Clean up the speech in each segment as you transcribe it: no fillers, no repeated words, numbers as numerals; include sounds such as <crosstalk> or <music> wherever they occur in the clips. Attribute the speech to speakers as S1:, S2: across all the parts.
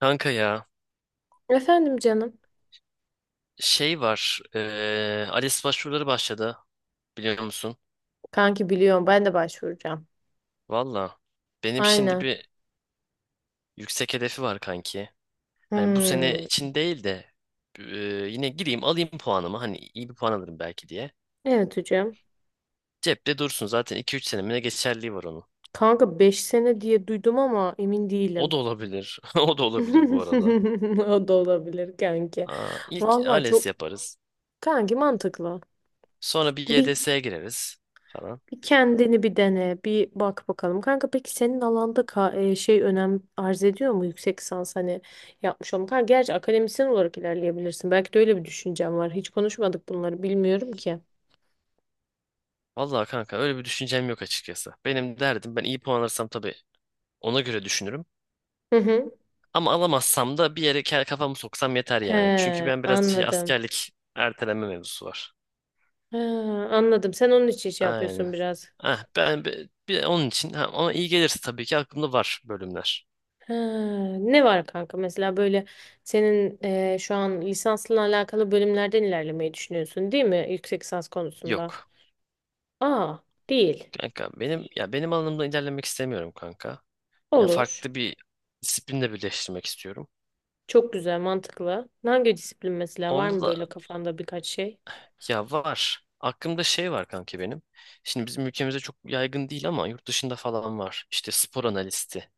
S1: Kanka ya,
S2: Efendim canım.
S1: şey var ALES başvuruları başladı, biliyor musun?
S2: Kanki biliyorum ben de başvuracağım.
S1: Valla benim şimdi
S2: Aynen.
S1: bir yüksek hedefi var kanki. Hani bu sene
S2: Hmm.
S1: için değil de, eee, yine gireyim alayım puanımı, hani iyi bir puan alırım belki diye.
S2: Evet, hocam.
S1: Cepte dursun, zaten 2-3 senemine geçerliği var onun.
S2: Kanka 5 sene diye duydum ama emin
S1: O
S2: değilim.
S1: da olabilir <laughs> o da olabilir bu arada.
S2: <laughs> O da olabilir kanki.
S1: Aa, ilk
S2: Vallahi çok
S1: ALES yaparız,
S2: kanki mantıklı.
S1: sonra bir
S2: Bir,
S1: YDS'ye gireriz falan.
S2: bir kendini bir dene, bir bak bakalım. Kanka peki senin alanda şey önem arz ediyor mu yüksek lisans hani yapmış olmak? Kanka gerçi akademisyen olarak ilerleyebilirsin. Belki de öyle bir düşüncem var. Hiç konuşmadık bunları bilmiyorum ki.
S1: Valla kanka, öyle bir düşüncem yok açıkçası. Benim derdim, ben iyi puan alırsam tabii ona göre düşünürüm.
S2: Hı hı.
S1: Ama alamazsam da bir yere kafamı soksam yeter yani. Çünkü
S2: He,
S1: ben biraz şey,
S2: anladım.
S1: askerlik erteleme mevzusu var.
S2: Ha, anladım. Sen onun için şey
S1: Aynen.
S2: yapıyorsun biraz.
S1: Ah, ben onun için ha, ama iyi gelirse tabii ki aklımda var bölümler.
S2: Ha, ne var kanka mesela böyle senin şu an lisansla alakalı bölümlerden ilerlemeyi düşünüyorsun değil mi? Yüksek lisans konusunda.
S1: Yok.
S2: Aa, değil.
S1: Kanka benim, ya benim alanımda ilerlemek istemiyorum kanka. Ya
S2: Olur.
S1: farklı bir disiplinle birleştirmek istiyorum.
S2: Çok güzel, mantıklı. Hangi disiplin mesela var
S1: Onda
S2: mı böyle
S1: da
S2: kafanda birkaç şey?
S1: ya var. Aklımda şey var kanka benim. Şimdi bizim ülkemizde çok yaygın değil ama yurt dışında falan var. İşte spor analisti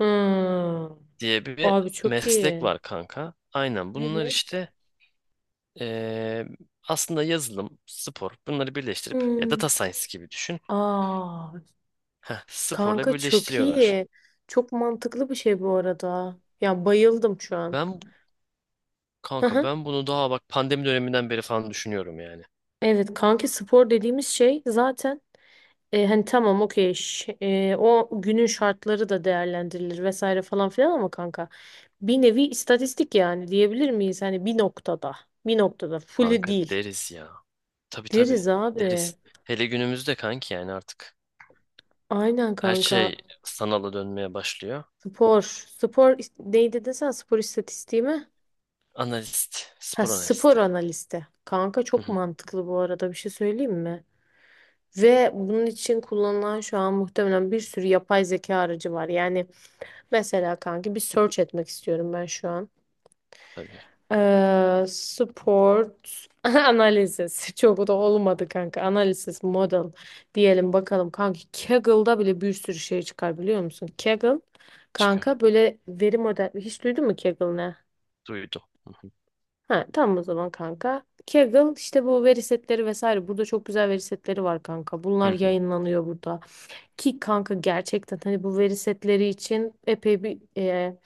S2: Hmm.
S1: diye bir
S2: Abi çok
S1: meslek
S2: iyi.
S1: var kanka. Aynen bunlar
S2: Evet.
S1: işte, eee, aslında yazılım, spor, bunları birleştirip ya data
S2: Hmm.
S1: science gibi düşün.
S2: Aa.
S1: Heh, sporla
S2: Kanka çok
S1: birleştiriyorlar.
S2: iyi. Çok mantıklı bir şey bu arada. Ya bayıldım şu an.
S1: Ben
S2: Hı
S1: kanka
S2: hı.
S1: ben bunu daha bak pandemi döneminden beri falan düşünüyorum yani.
S2: Evet kanki spor dediğimiz şey zaten hani tamam okey o günün şartları da değerlendirilir vesaire falan filan ama kanka bir nevi istatistik yani diyebilir miyiz? Hani bir noktada fully
S1: Kanka
S2: değil.
S1: deriz ya. Tabii tabii
S2: Deriz abi.
S1: deriz. Hele günümüzde kanki, yani artık
S2: Aynen
S1: her
S2: kanka.
S1: şey sanala dönmeye başlıyor.
S2: Spor. Neydi desen spor istatistiği mi?
S1: Analist,
S2: Ha,
S1: spor
S2: spor
S1: analisti.
S2: analisti. Kanka
S1: Hı
S2: çok
S1: hı.
S2: mantıklı bu arada, bir şey söyleyeyim mi? Ve bunun için kullanılan şu an muhtemelen bir sürü yapay zeka aracı var. Yani mesela kanki bir search etmek istiyorum ben şu an.
S1: Tabii
S2: Sport <laughs> analizis. Çok da olmadı kanka. Analizis model diyelim bakalım. Kanki Kaggle'da bile bir sürü şey çıkar biliyor musun? Kaggle
S1: çıkar.
S2: kanka böyle veri model. Hiç duydun mu Kaggle ne?
S1: Duydum. Hı hı.
S2: Ha, tamam o zaman kanka. Kaggle işte bu veri setleri vesaire. Burada çok güzel veri setleri var kanka.
S1: Hı
S2: Bunlar
S1: hı.
S2: yayınlanıyor burada. Ki kanka gerçekten hani bu veri setleri için epey bir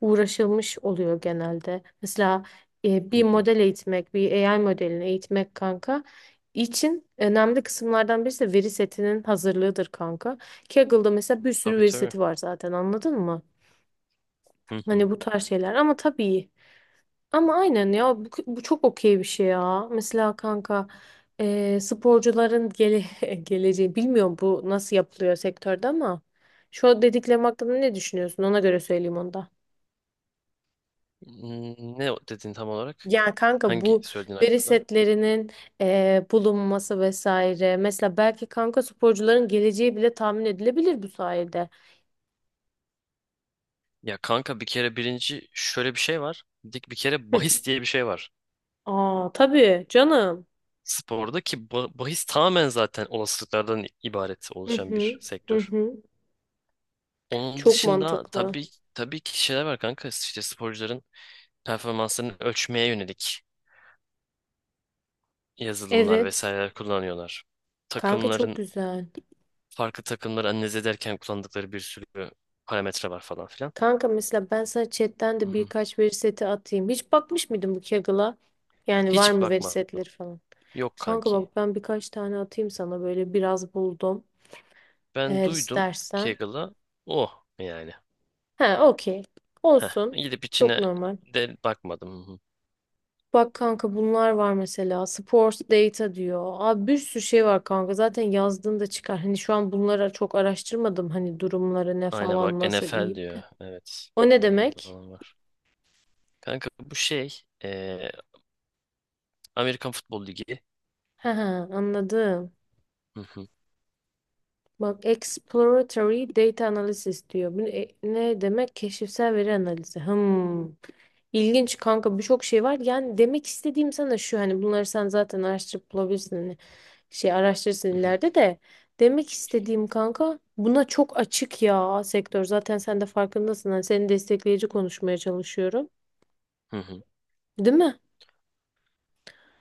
S2: uğraşılmış oluyor genelde. Mesela
S1: Hı
S2: bir
S1: hı.
S2: model eğitmek, bir AI modelini eğitmek kanka için önemli kısımlardan birisi de veri setinin hazırlığıdır kanka. Kaggle'da mesela bir sürü
S1: Tabii
S2: veri
S1: tabii.
S2: seti var zaten, anladın mı?
S1: Hı hı.
S2: Hani bu tarz şeyler ama tabii ama aynen ya, bu çok okey bir şey ya. Mesela kanka sporcuların <laughs> geleceği bilmiyorum bu nasıl yapılıyor sektörde ama şu dediklerim hakkında ne düşünüyorsun? Ona göre söyleyeyim onda.
S1: Hmm, ne dedin tam olarak?
S2: Yani kanka
S1: Hangi
S2: bu
S1: söylediğin
S2: veri
S1: hakkında?
S2: setlerinin bulunması vesaire. Mesela belki kanka sporcuların geleceği bile tahmin edilebilir bu sayede.
S1: Ya kanka, bir kere birinci şöyle bir şey var. Dik bir kere
S2: Hı.
S1: bahis diye bir şey var.
S2: Aa, tabii canım.
S1: Sporda ki bahis tamamen zaten olasılıklardan ibaret
S2: Hı
S1: oluşan
S2: hı.
S1: bir
S2: Hı
S1: sektör.
S2: hı.
S1: Onun
S2: Çok
S1: dışında
S2: mantıklı.
S1: tabii tabii ki şeyler var kanka. İşte sporcuların performanslarını ölçmeye yönelik yazılımlar
S2: Evet.
S1: vesaireler kullanıyorlar.
S2: Kanka çok
S1: Takımların
S2: güzel.
S1: farklı takımları analiz ederken kullandıkları bir sürü parametre var falan filan.
S2: Kanka mesela ben sana chatten
S1: Hı
S2: de
S1: hı.
S2: birkaç veri seti atayım. Hiç bakmış mıydın bu Kaggle'a? Yani var
S1: Hiç
S2: mı veri
S1: bakmadım.
S2: setleri falan?
S1: Yok
S2: Kanka
S1: kanki.
S2: bak, ben birkaç tane atayım sana, böyle biraz buldum.
S1: Ben
S2: Eğer
S1: duydum
S2: istersen.
S1: Kaggle'ı. Oh yani.
S2: He, okey.
S1: Heh,
S2: Olsun.
S1: gidip
S2: Çok
S1: içine
S2: normal.
S1: de bakmadım. Hı hı.
S2: Bak kanka bunlar var mesela. Sports data diyor. Abi bir sürü şey var kanka. Zaten yazdığında çıkar. Hani şu an bunlara çok araştırmadım. Hani durumları ne
S1: Aynen bak,
S2: falan nasıl
S1: NFL
S2: iyi.
S1: diyor. Evet.
S2: O ne
S1: Bunlarda
S2: demek?
S1: falan var. Kanka bu şey, Amerikan Futbol Ligi.
S2: Ha, he, anladım.
S1: Hı hı.
S2: Bak exploratory data analysis diyor. Bu ne, ne demek? Keşifsel veri analizi. Hmm. İlginç kanka, birçok şey var. Yani demek istediğim sana şu, hani bunları sen zaten araştırıp bulabilirsin. Hani şey araştırırsın
S1: Hı hı.
S2: ileride de. Demek istediğim kanka, buna çok açık ya sektör. Zaten sen de farkındasın. Hani seni destekleyici konuşmaya çalışıyorum.
S1: Hı hı.
S2: Değil mi?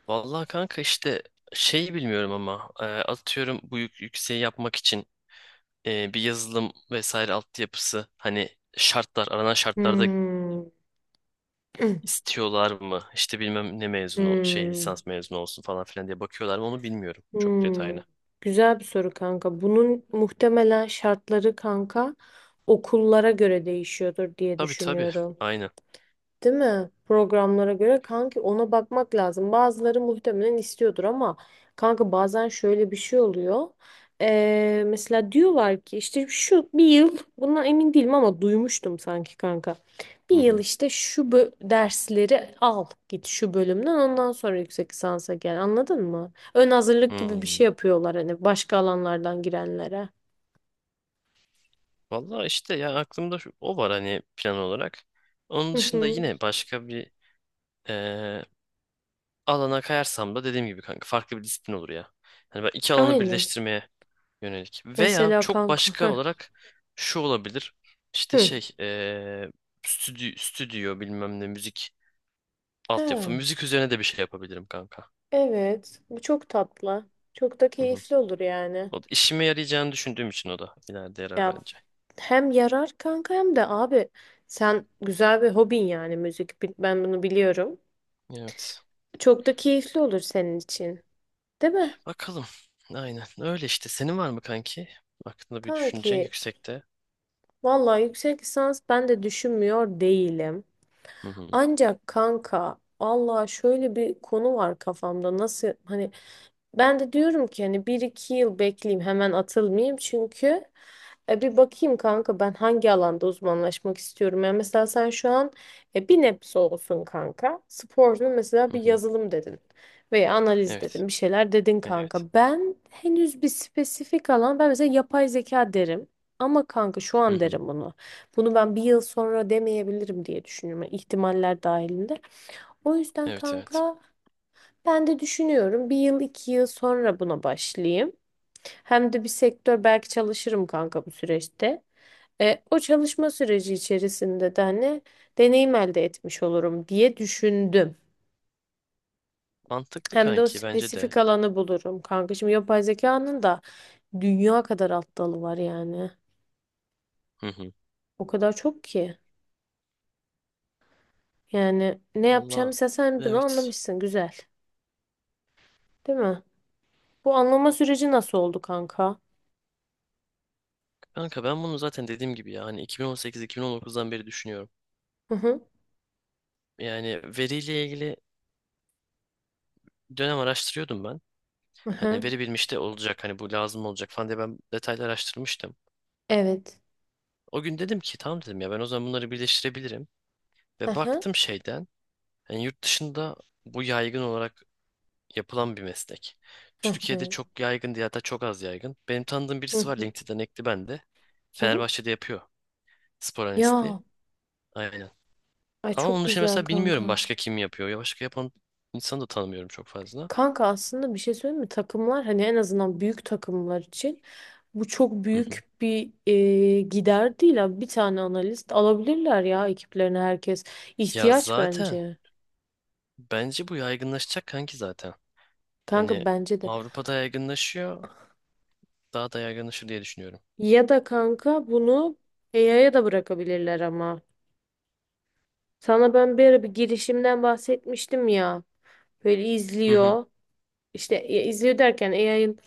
S1: Vallahi kanka işte şeyi bilmiyorum ama atıyorum, bu yükseği yapmak için, bir yazılım vesaire altyapısı, hani şartlar, aranan şartlarda
S2: Hmm. <clears throat>
S1: istiyorlar mı? İşte bilmem ne mezunu, şey
S2: Hmm.
S1: lisans mezunu olsun falan filan diye bakıyorlar mı, onu bilmiyorum çok
S2: Hmm,
S1: detaylı.
S2: güzel bir soru kanka. Bunun muhtemelen şartları kanka okullara göre değişiyordur diye
S1: Tabii tabii.
S2: düşünüyorum.
S1: Aynen.
S2: Değil mi? Programlara göre kanki ona bakmak lazım. Bazıları muhtemelen istiyordur ama kanka bazen şöyle bir şey oluyor. Mesela diyorlar ki işte şu bir yıl, bundan emin değilim ama duymuştum sanki kanka. Bir
S1: Hı
S2: yıl
S1: hı.
S2: işte şu dersleri al git şu bölümden, ondan sonra yüksek lisansa gel, anladın mı? Ön hazırlık gibi bir
S1: Hmm.
S2: şey yapıyorlar hani başka alanlardan girenlere.
S1: Vallahi işte ya, aklımda o var hani plan olarak. Onun
S2: Hı
S1: dışında
S2: hı.
S1: yine başka bir, eee, alana kayarsam da dediğim gibi kanka, farklı bir disiplin olur ya. Hani ben iki alanı
S2: Aynen.
S1: birleştirmeye yönelik. Veya
S2: Mesela
S1: çok
S2: kanka.
S1: başka
S2: Hı.
S1: olarak şu olabilir. İşte
S2: Hı.
S1: şey, stüdyo bilmem ne müzik altyapı.
S2: Ha.
S1: Müzik üzerine de bir şey yapabilirim kanka.
S2: Evet, bu çok tatlı. Çok da
S1: Hı hı.
S2: keyifli olur yani.
S1: O da işime yarayacağını düşündüğüm için, o da ileride yarar
S2: Ya
S1: bence.
S2: hem yarar kanka hem de abi sen güzel bir hobin yani müzik. Ben bunu biliyorum.
S1: Evet.
S2: Çok da keyifli olur senin için. Değil mi?
S1: Bakalım. Aynen. Öyle işte. Senin var mı kanki? Aklında bir düşünce
S2: Kanki
S1: yüksekte.
S2: vallahi yüksek lisans ben de düşünmüyor değilim.
S1: Hı hı.
S2: Ancak kanka Allah, şöyle bir konu var kafamda nasıl, hani ben de diyorum ki hani bir iki yıl bekleyeyim, hemen atılmayayım çünkü bir bakayım kanka ben hangi alanda uzmanlaşmak istiyorum. Yani mesela sen şu an bir nebze olsun kanka sporunu mesela,
S1: Hı
S2: bir
S1: hı.
S2: yazılım dedin veya analiz
S1: Evet.
S2: dedin, bir şeyler dedin
S1: Evet.
S2: kanka. Ben henüz bir spesifik alan, ben mesela yapay zeka derim ama kanka şu
S1: Hı
S2: an
S1: hı.
S2: derim bunu. Bunu ben bir yıl sonra demeyebilirim diye düşünüyorum, yani ihtimaller dahilinde. O yüzden
S1: Evet evet.
S2: kanka ben de düşünüyorum. Bir yıl iki yıl sonra buna başlayayım. Hem de bir sektör belki çalışırım kanka bu süreçte. O çalışma süreci içerisinde de hani deneyim elde etmiş olurum diye düşündüm.
S1: Mantıklı
S2: Hem de o
S1: kanki, bence de.
S2: spesifik alanı bulurum kanka. Şimdi yapay zekanın da dünya kadar alt dalı var yani.
S1: Hı hı.
S2: O kadar çok ki. Yani ne yapacağımı,
S1: Valla
S2: sen bunu
S1: evet.
S2: anlamışsın, güzel. Değil mi? Bu anlama süreci nasıl oldu kanka?
S1: Kanka ben bunu zaten dediğim gibi yani 2018-2019'dan beri düşünüyorum.
S2: Hı hı.
S1: Yani veriyle ilgili dönem araştırıyordum ben.
S2: Hı
S1: Hani
S2: hı.
S1: veri bilmiş de olacak, hani bu lazım olacak falan diye ben detaylı araştırmıştım.
S2: Evet.
S1: O gün dedim ki tamam, dedim ya ben o zaman bunları birleştirebilirim.
S2: Hı
S1: Ve
S2: hı.
S1: baktım şeyden, yani yurt dışında bu yaygın olarak yapılan bir meslek.
S2: Hı
S1: Türkiye'de
S2: hı.
S1: çok yaygın diye, hatta çok az yaygın. Benim tanıdığım
S2: Hı
S1: birisi var,
S2: hı.
S1: LinkedIn'den ekli bende.
S2: Hı hı.
S1: Fenerbahçe'de yapıyor spor analistliği.
S2: Ya,
S1: Aynen.
S2: ay
S1: Ama
S2: çok
S1: onun dışında
S2: güzel
S1: mesela bilmiyorum
S2: kanka.
S1: başka kim yapıyor. Ya başka yapan insanı da tanımıyorum çok fazla.
S2: Kanka aslında bir şey söyleyeyim mi? Takımlar, hani en azından büyük takımlar için, bu çok
S1: Hı hı.
S2: büyük bir gider değil abi. Bir tane analist alabilirler ya ekiplerine, herkes.
S1: Ya
S2: İhtiyaç
S1: zaten
S2: bence.
S1: bence bu yaygınlaşacak kanki zaten. Hani
S2: Kanka bence de.
S1: Avrupa'da yaygınlaşıyor. Daha da yaygınlaşır diye düşünüyorum.
S2: Ya da kanka bunu AI'ya da bırakabilirler ama. Sana ben bir ara bir girişimden bahsetmiştim ya. Böyle
S1: Hı hı.
S2: izliyor. İşte ya, izliyor derken AI'ın,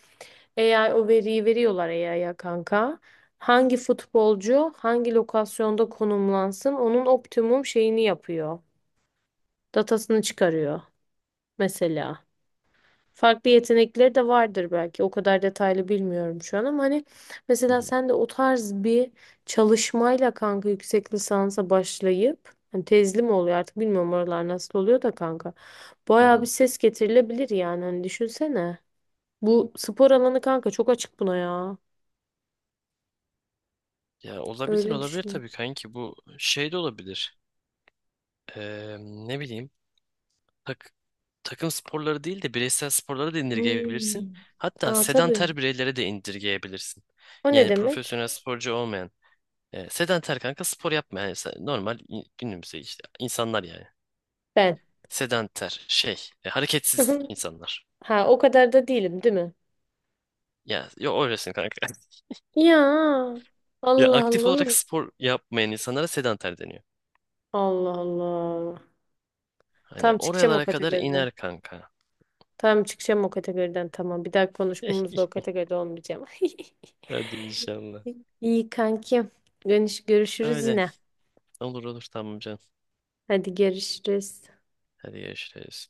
S2: AI o veriyi veriyorlar AI'ya kanka. Hangi futbolcu hangi lokasyonda konumlansın onun optimum şeyini yapıyor. Datasını çıkarıyor mesela. Farklı yetenekleri de vardır belki. O kadar detaylı bilmiyorum şu an ama hani
S1: Hı
S2: mesela
S1: hı.
S2: sen de o tarz bir çalışmayla kanka yüksek lisansa başlayıp, hani tezli mi oluyor artık bilmiyorum oralar nasıl oluyor da kanka.
S1: Hı
S2: Bayağı bir
S1: hı.
S2: ses getirilebilir yani, hani düşünsene. Bu spor alanı kanka çok açık buna ya.
S1: Ya olabilir,
S2: Öyle
S1: olabilir
S2: düşünüyorum.
S1: tabii kanki, bu şey de olabilir. Ne bileyim, tak, takım sporları değil de bireysel sporlara da
S2: Hmm.
S1: indirgeyebilirsin. Hatta
S2: Aa, tabii.
S1: sedanter bireylere de indirgeyebilirsin.
S2: O ne
S1: Yani
S2: demek?
S1: profesyonel sporcu olmayan. E, sedanter kanka, spor yapmayan normal günümüzde işte insanlar yani.
S2: Ben.
S1: Sedanter şey, e, hareketsiz
S2: <laughs>
S1: insanlar.
S2: Ha, o kadar da değilim değil mi?
S1: Ya yo, öylesin kanka. <laughs>
S2: Ya
S1: Ya
S2: Allah
S1: aktif
S2: Allah,
S1: olarak
S2: oğlum.
S1: spor yapmayan insanlara sedanter deniyor.
S2: Allah Allah.
S1: Hani
S2: Tam çıkacağım o
S1: oralara kadar
S2: kategoriden.
S1: iner kanka.
S2: Tam çıkacağım o kategoriden, tamam. Bir daha konuşmamızda o
S1: <laughs>
S2: kategoride olmayacağım. <laughs>
S1: Hadi inşallah.
S2: İyi kankim. Görüşürüz
S1: Öyle.
S2: yine.
S1: Olur olur, tamam canım.
S2: Hadi görüşürüz.
S1: Hadi görüşürüz.